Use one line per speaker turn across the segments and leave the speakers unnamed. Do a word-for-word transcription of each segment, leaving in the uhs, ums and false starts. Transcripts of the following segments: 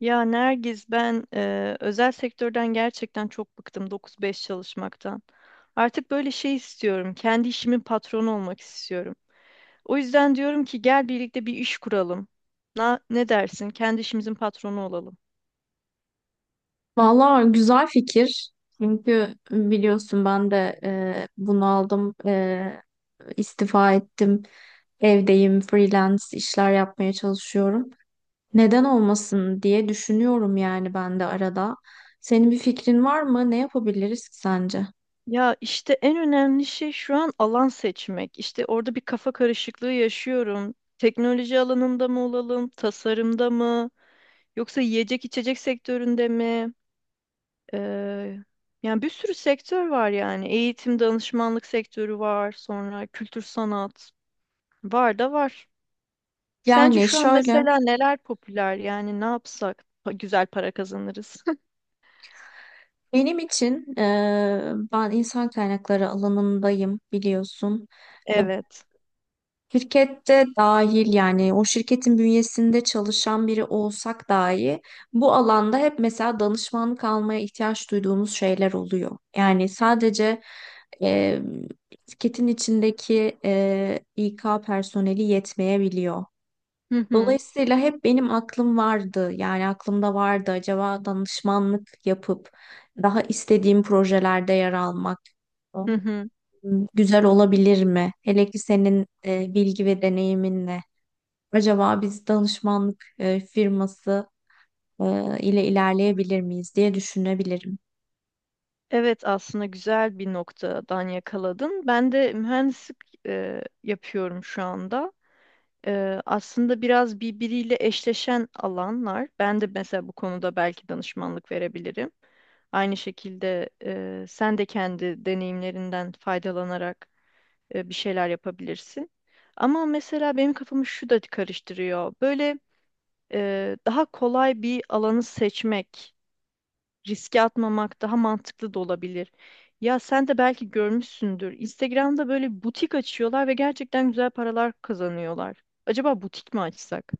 Ya Nergiz ben e, özel sektörden gerçekten çok bıktım dokuz beş çalışmaktan. Artık böyle şey istiyorum. Kendi işimin patronu olmak istiyorum. O yüzden diyorum ki gel birlikte bir iş kuralım. Na, ne dersin? Kendi işimizin patronu olalım.
Valla güzel fikir. Çünkü biliyorsun ben de e, bunaldım, e, istifa ettim, evdeyim, freelance işler yapmaya çalışıyorum. Neden olmasın diye düşünüyorum yani ben de arada. Senin bir fikrin var mı? Ne yapabiliriz ki sence?
Ya işte en önemli şey şu an alan seçmek. İşte orada bir kafa karışıklığı yaşıyorum. Teknoloji alanında mı olalım, tasarımda mı, yoksa yiyecek içecek sektöründe mi? Eee, Yani bir sürü sektör var yani. Eğitim, danışmanlık sektörü var. Sonra kültür sanat. Var da var. Sence
Yani
şu an
şöyle,
mesela neler popüler? Yani ne yapsak pa- güzel para kazanırız?
benim için e, ben insan kaynakları alanındayım biliyorsun.
Evet.
Şirkette dahil yani o şirketin bünyesinde çalışan biri olsak dahi bu alanda hep mesela danışmanlık almaya ihtiyaç duyduğumuz şeyler oluyor. Yani sadece e, şirketin içindeki e, i ka personeli yetmeyebiliyor.
Hı hı.
Dolayısıyla hep benim aklım vardı yani aklımda vardı acaba danışmanlık yapıp daha istediğim projelerde yer almak
Hı hı.
güzel olabilir mi? Hele ki senin e, bilgi ve deneyiminle. Acaba biz danışmanlık e, firması e, ile ilerleyebilir miyiz diye düşünebilirim.
Evet, aslında güzel bir noktadan yakaladın. Ben de mühendislik eee, yapıyorum şu anda. Ee, aslında biraz birbiriyle eşleşen alanlar. Ben de mesela bu konuda belki danışmanlık verebilirim. Aynı şekilde e, sen de kendi deneyimlerinden faydalanarak e, bir şeyler yapabilirsin. Ama mesela benim kafamı şu da karıştırıyor. Böyle e, daha kolay bir alanı seçmek, riske atmamak daha mantıklı da olabilir. Ya sen de belki görmüşsündür. Instagram'da böyle butik açıyorlar ve gerçekten güzel paralar kazanıyorlar. Acaba butik mi açsak?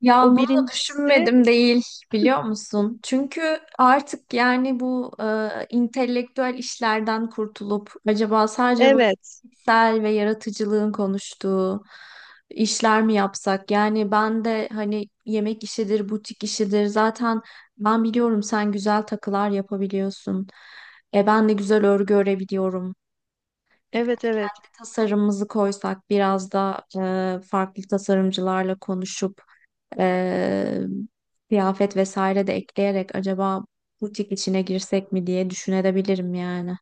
Ya
O
bunu da
birincisi,
düşünmedim değil biliyor musun? Çünkü artık yani bu e, intelektüel işlerden kurtulup acaba sadece böyle
evet.
fikirsel ve yaratıcılığın konuştuğu işler mi yapsak? Yani ben de hani yemek işidir, butik işidir zaten ben biliyorum sen güzel takılar yapabiliyorsun. E, ben de güzel örgü örebiliyorum. Birkaç
Evet, evet.
da tasarımımızı koysak biraz da e, farklı tasarımcılarla konuşup ee, kıyafet vesaire de ekleyerek acaba butik içine girsek mi diye düşünebilirim yani.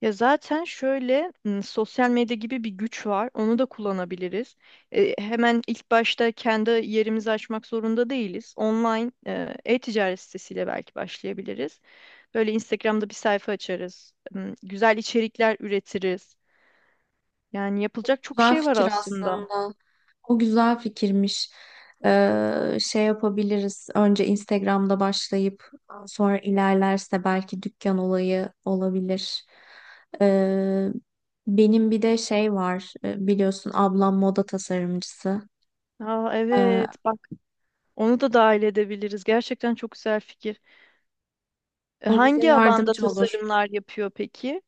Ya zaten şöyle m, sosyal medya gibi bir güç var. Onu da kullanabiliriz. E, hemen ilk başta kendi yerimizi açmak zorunda değiliz. Online e, e-ticaret sitesiyle belki başlayabiliriz. Böyle Instagram'da bir sayfa açarız. M, Güzel içerikler üretiriz. Yani yapılacak çok
Güzel
şey var
fikir
aslında.
aslında. O güzel fikirmiş. Ee, şey yapabiliriz. Önce Instagram'da başlayıp sonra ilerlerse belki dükkan olayı olabilir. Ee, Benim bir de şey var. Ee, Biliyorsun ablam moda tasarımcısı.
Aa,
Ee,
evet, bak onu da dahil edebiliriz. Gerçekten çok güzel fikir. E,
O bize
hangi alanda
yardımcı olur.
tasarımlar yapıyor peki?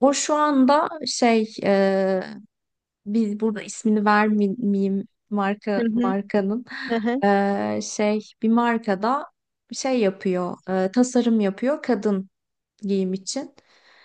O şu anda şey biz burada ismini vermeyeyim
Hı
marka
hı.
markanın Ee, şey Bir markada şey yapıyor, e, tasarım yapıyor, kadın giyim için.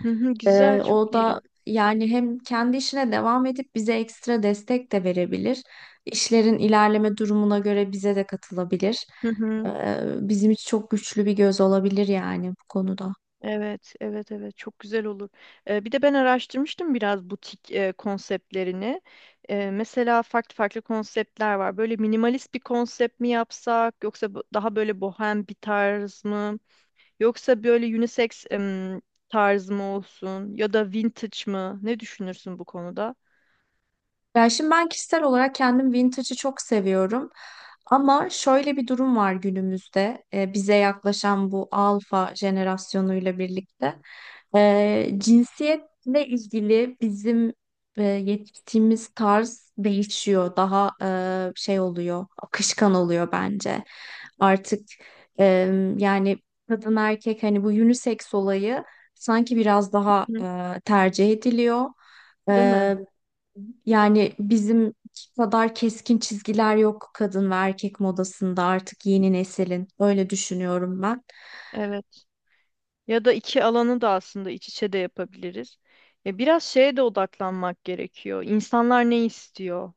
Hı hı, güzel,
Ee,
çok
o da
iyi.
yani hem kendi işine devam edip bize ekstra destek de verebilir. İşlerin ilerleme durumuna göre bize de katılabilir.
Hı hı.
Ee, bizim için çok güçlü bir göz olabilir yani bu konuda.
Evet, evet, evet. Çok güzel olur. Ee, bir de ben araştırmıştım biraz butik e, konseptlerini. Ee, mesela farklı farklı konseptler var. Böyle minimalist bir konsept mi yapsak, yoksa bu- daha böyle bohem bir tarz mı, yoksa böyle unisex em, tarz mı olsun, ya da vintage mı? Ne düşünürsün bu konuda?
Ya şimdi ben kişisel olarak kendim vintage'ı çok seviyorum. Ama şöyle bir durum var günümüzde e, bize yaklaşan bu alfa jenerasyonuyla birlikte. E, cinsiyetle ilgili bizim e, yetiştiğimiz tarz değişiyor. Daha e, şey oluyor, akışkan oluyor bence. Artık e, yani kadın erkek hani bu unisex olayı sanki biraz daha
Hı.
e, tercih ediliyor.
Değil mi?
Yani bizim kadar keskin çizgiler yok kadın ve erkek modasında artık yeni neslin. Öyle düşünüyorum ben.
Evet. Ya da iki alanı da aslında iç içe de yapabiliriz. Ya biraz şeye de odaklanmak gerekiyor. İnsanlar ne istiyor?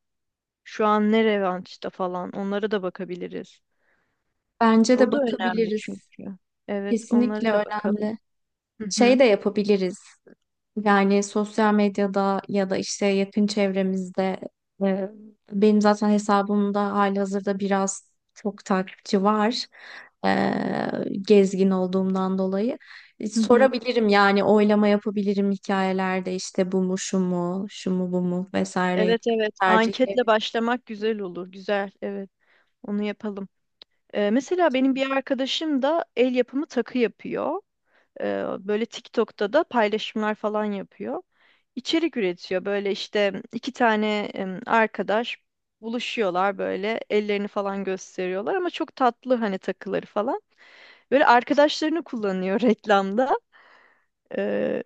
Şu an ne revaçta falan. Onlara da bakabiliriz.
Bence de
O da önemli
bakabiliriz.
çünkü. Evet, onlara
Kesinlikle
da bakalım.
önemli.
Hı
Şey
hı.
de yapabiliriz. Yani sosyal medyada ya da işte yakın çevremizde e, benim zaten hesabımda halihazırda biraz çok takipçi var. E, gezgin olduğumdan dolayı. E,
Hı hı.
sorabilirim yani oylama yapabilirim hikayelerde işte bu mu şu mu şu mu bu mu vesaire
Evet, evet. Anketle
tercihleri.
başlamak güzel olur. Güzel. Evet. Onu yapalım. Ee, mesela benim bir arkadaşım da el yapımı takı yapıyor. Ee, böyle TikTok'ta da paylaşımlar falan yapıyor. İçerik üretiyor. Böyle işte iki tane em, arkadaş buluşuyorlar böyle ellerini falan gösteriyorlar ama çok tatlı hani takıları falan. Böyle arkadaşlarını kullanıyor reklamda. Ee,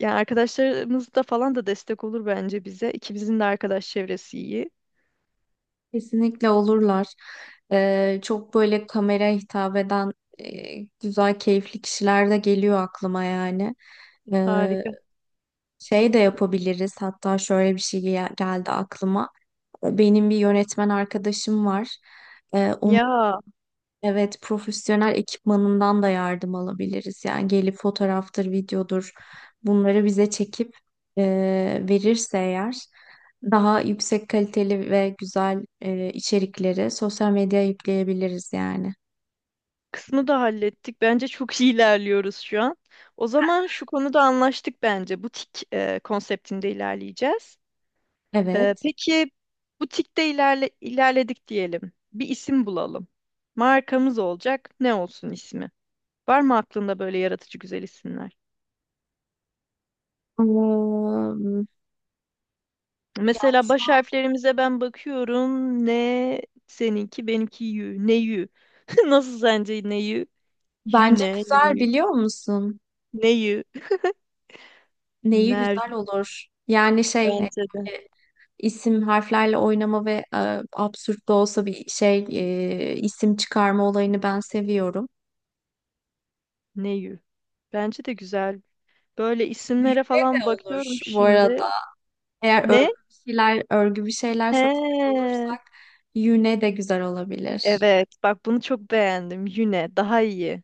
yani arkadaşlarımız da falan da destek olur bence bize. İkimizin de arkadaş çevresi iyi.
Kesinlikle olurlar. E, çok böyle kameraya hitap eden e, güzel keyifli kişiler de geliyor aklıma yani. E,
Harika.
Şey de yapabiliriz. Hatta şöyle bir şey gel- geldi aklıma. Benim bir yönetmen arkadaşım var. Ee, onun,
Ya
evet, profesyonel ekipmanından da yardım alabiliriz. Yani gelip fotoğraftır, videodur bunları bize çekip e, verirse eğer daha yüksek kaliteli ve güzel e, içerikleri sosyal medyaya yükleyebiliriz yani.
kısmı da hallettik. Bence çok iyi ilerliyoruz şu an. O zaman şu konuda anlaştık bence. Butik e, konseptinde ilerleyeceğiz. E,
Evet.
peki butikte ilerle, ilerledik diyelim. Bir isim bulalım. Markamız olacak. Ne olsun ismi? Var mı aklında böyle yaratıcı güzel isimler?
Eee, Yani
Mesela
şu
baş
an
harflerimize ben bakıyorum. Ne seninki, benimki yü. Ne yü? Nasıl sence ne yü?
bence
Yüne, ne
güzel
yü?
biliyor musun?
Ne yü?
Neyi
Ner
güzel olur. Yani şey hani
bence de.
böyle isim harflerle oynama ve e, absürt de olsa bir şey e, isim çıkarma olayını ben seviyorum.
Neyü? Bence de güzel. Böyle isimlere
Yüre
falan
de olur
bakıyorum
bu
şimdi.
arada. Eğer
Ne?
örgü bir şeyler, örgü bir şeyler satacak
He.
olursak yüne de güzel olabilir.
Evet. Bak bunu çok beğendim. Yüne. Daha iyi.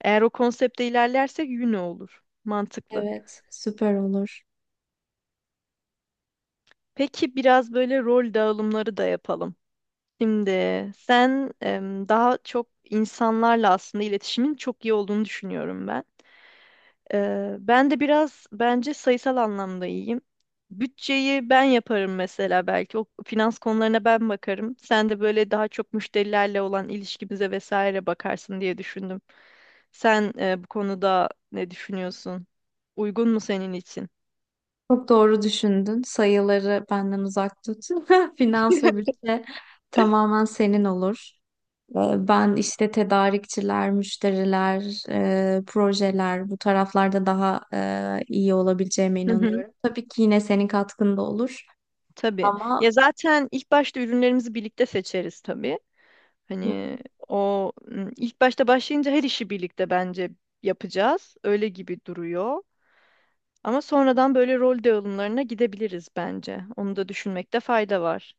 Eğer o konsepte ilerlersek Yüne olur. Mantıklı.
Evet, süper olur.
Peki biraz böyle rol dağılımları da yapalım. Şimdi sen em, daha çok insanlarla aslında iletişimin çok iyi olduğunu düşünüyorum ben. Ee, ben de biraz bence sayısal anlamda iyiyim. Bütçeyi ben yaparım mesela belki. O finans konularına ben bakarım. Sen de böyle daha çok müşterilerle olan ilişkimize vesaire bakarsın diye düşündüm. Sen e, bu konuda ne düşünüyorsun? Uygun mu senin için?
Çok doğru düşündün. Sayıları benden uzak tut. Finans ve bütçe tamamen senin olur. Ee, Ben işte tedarikçiler, müşteriler, e, projeler bu taraflarda daha e, iyi olabileceğime
Hı hı.
inanıyorum. Tabii ki yine senin katkın da olur
Tabii.
ama
Ya zaten ilk başta ürünlerimizi birlikte seçeriz tabii.
Hı,
Hani o m, ilk başta başlayınca her işi birlikte bence yapacağız. Öyle gibi duruyor. Ama sonradan böyle rol dağılımlarına gidebiliriz bence. Onu da düşünmekte fayda var.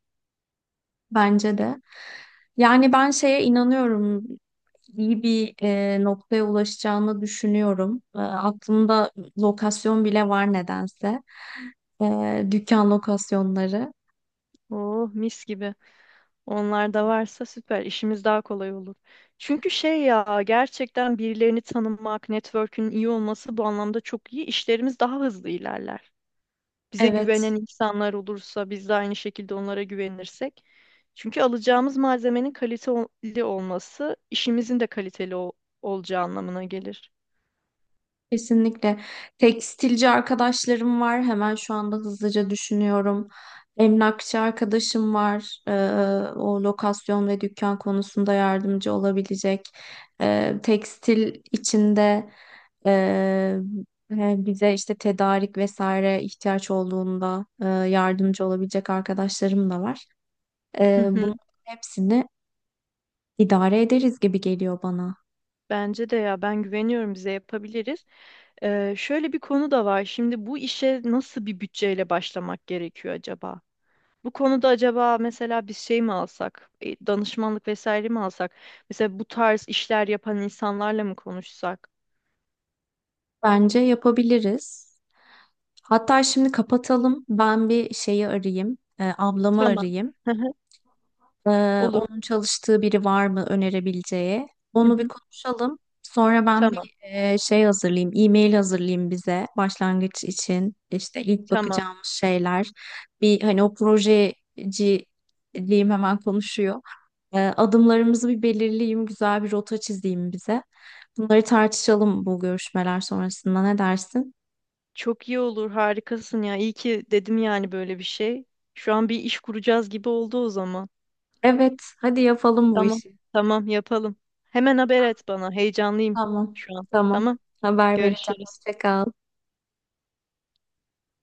bence de. Yani ben şeye inanıyorum. İyi bir e, noktaya ulaşacağını düşünüyorum. E, aklımda lokasyon bile var nedense. E, dükkan lokasyonları.
Oh, mis gibi. Onlar da varsa süper. İşimiz daha kolay olur. Çünkü şey ya gerçekten birilerini tanımak, network'ün iyi olması bu anlamda çok iyi. İşlerimiz daha hızlı ilerler. Bize güvenen
Evet.
insanlar olursa biz de aynı şekilde onlara güvenirsek. Çünkü alacağımız malzemenin kaliteli olması işimizin de kaliteli ol- olacağı anlamına gelir.
Kesinlikle. Tekstilci arkadaşlarım var. Hemen şu anda hızlıca düşünüyorum. Emlakçı arkadaşım var. Ee, o lokasyon ve dükkan konusunda yardımcı olabilecek. Ee, tekstil içinde e, e, bize işte tedarik vesaire ihtiyaç olduğunda e, yardımcı olabilecek arkadaşlarım da var.
Hı
Ee,
hı.
bunun hepsini İdare ederiz gibi geliyor bana.
Bence de ya ben güveniyorum bize yapabiliriz. Ee, şöyle bir konu da var. Şimdi bu işe nasıl bir bütçeyle başlamak gerekiyor acaba? Bu konuda acaba mesela biz şey mi alsak, e, danışmanlık vesaire mi alsak? Mesela bu tarz işler yapan insanlarla mı konuşsak?
Bence yapabiliriz. Hatta şimdi kapatalım. Ben bir şeyi arayayım. E, ablamı
Tamam.
arayayım.
Hı hı.
Ee,
Olur.
onun çalıştığı biri var mı önerebileceği?
Hı
Onu bir
hı.
konuşalım. Sonra ben bir
Tamam.
e, şey hazırlayayım, e-mail hazırlayayım bize başlangıç için. İşte ilk
Tamam.
bakacağımız şeyler. Bir hani o projeciliğim hemen konuşuyor. Ee, adımlarımızı bir belirleyeyim, güzel bir rota çizeyim bize. Bunları tartışalım bu görüşmeler sonrasında, ne dersin?
Çok iyi olur. Harikasın ya. İyi ki dedim yani böyle bir şey. Şu an bir iş kuracağız gibi oldu o zaman.
Evet, hadi yapalım bu
Tamam.
işi.
Tamam, yapalım. Hemen haber et bana. Heyecanlıyım
Tamam,
şu an.
tamam.
Tamam.
Haber vereceğim.
Görüşürüz.
Hoşça kal.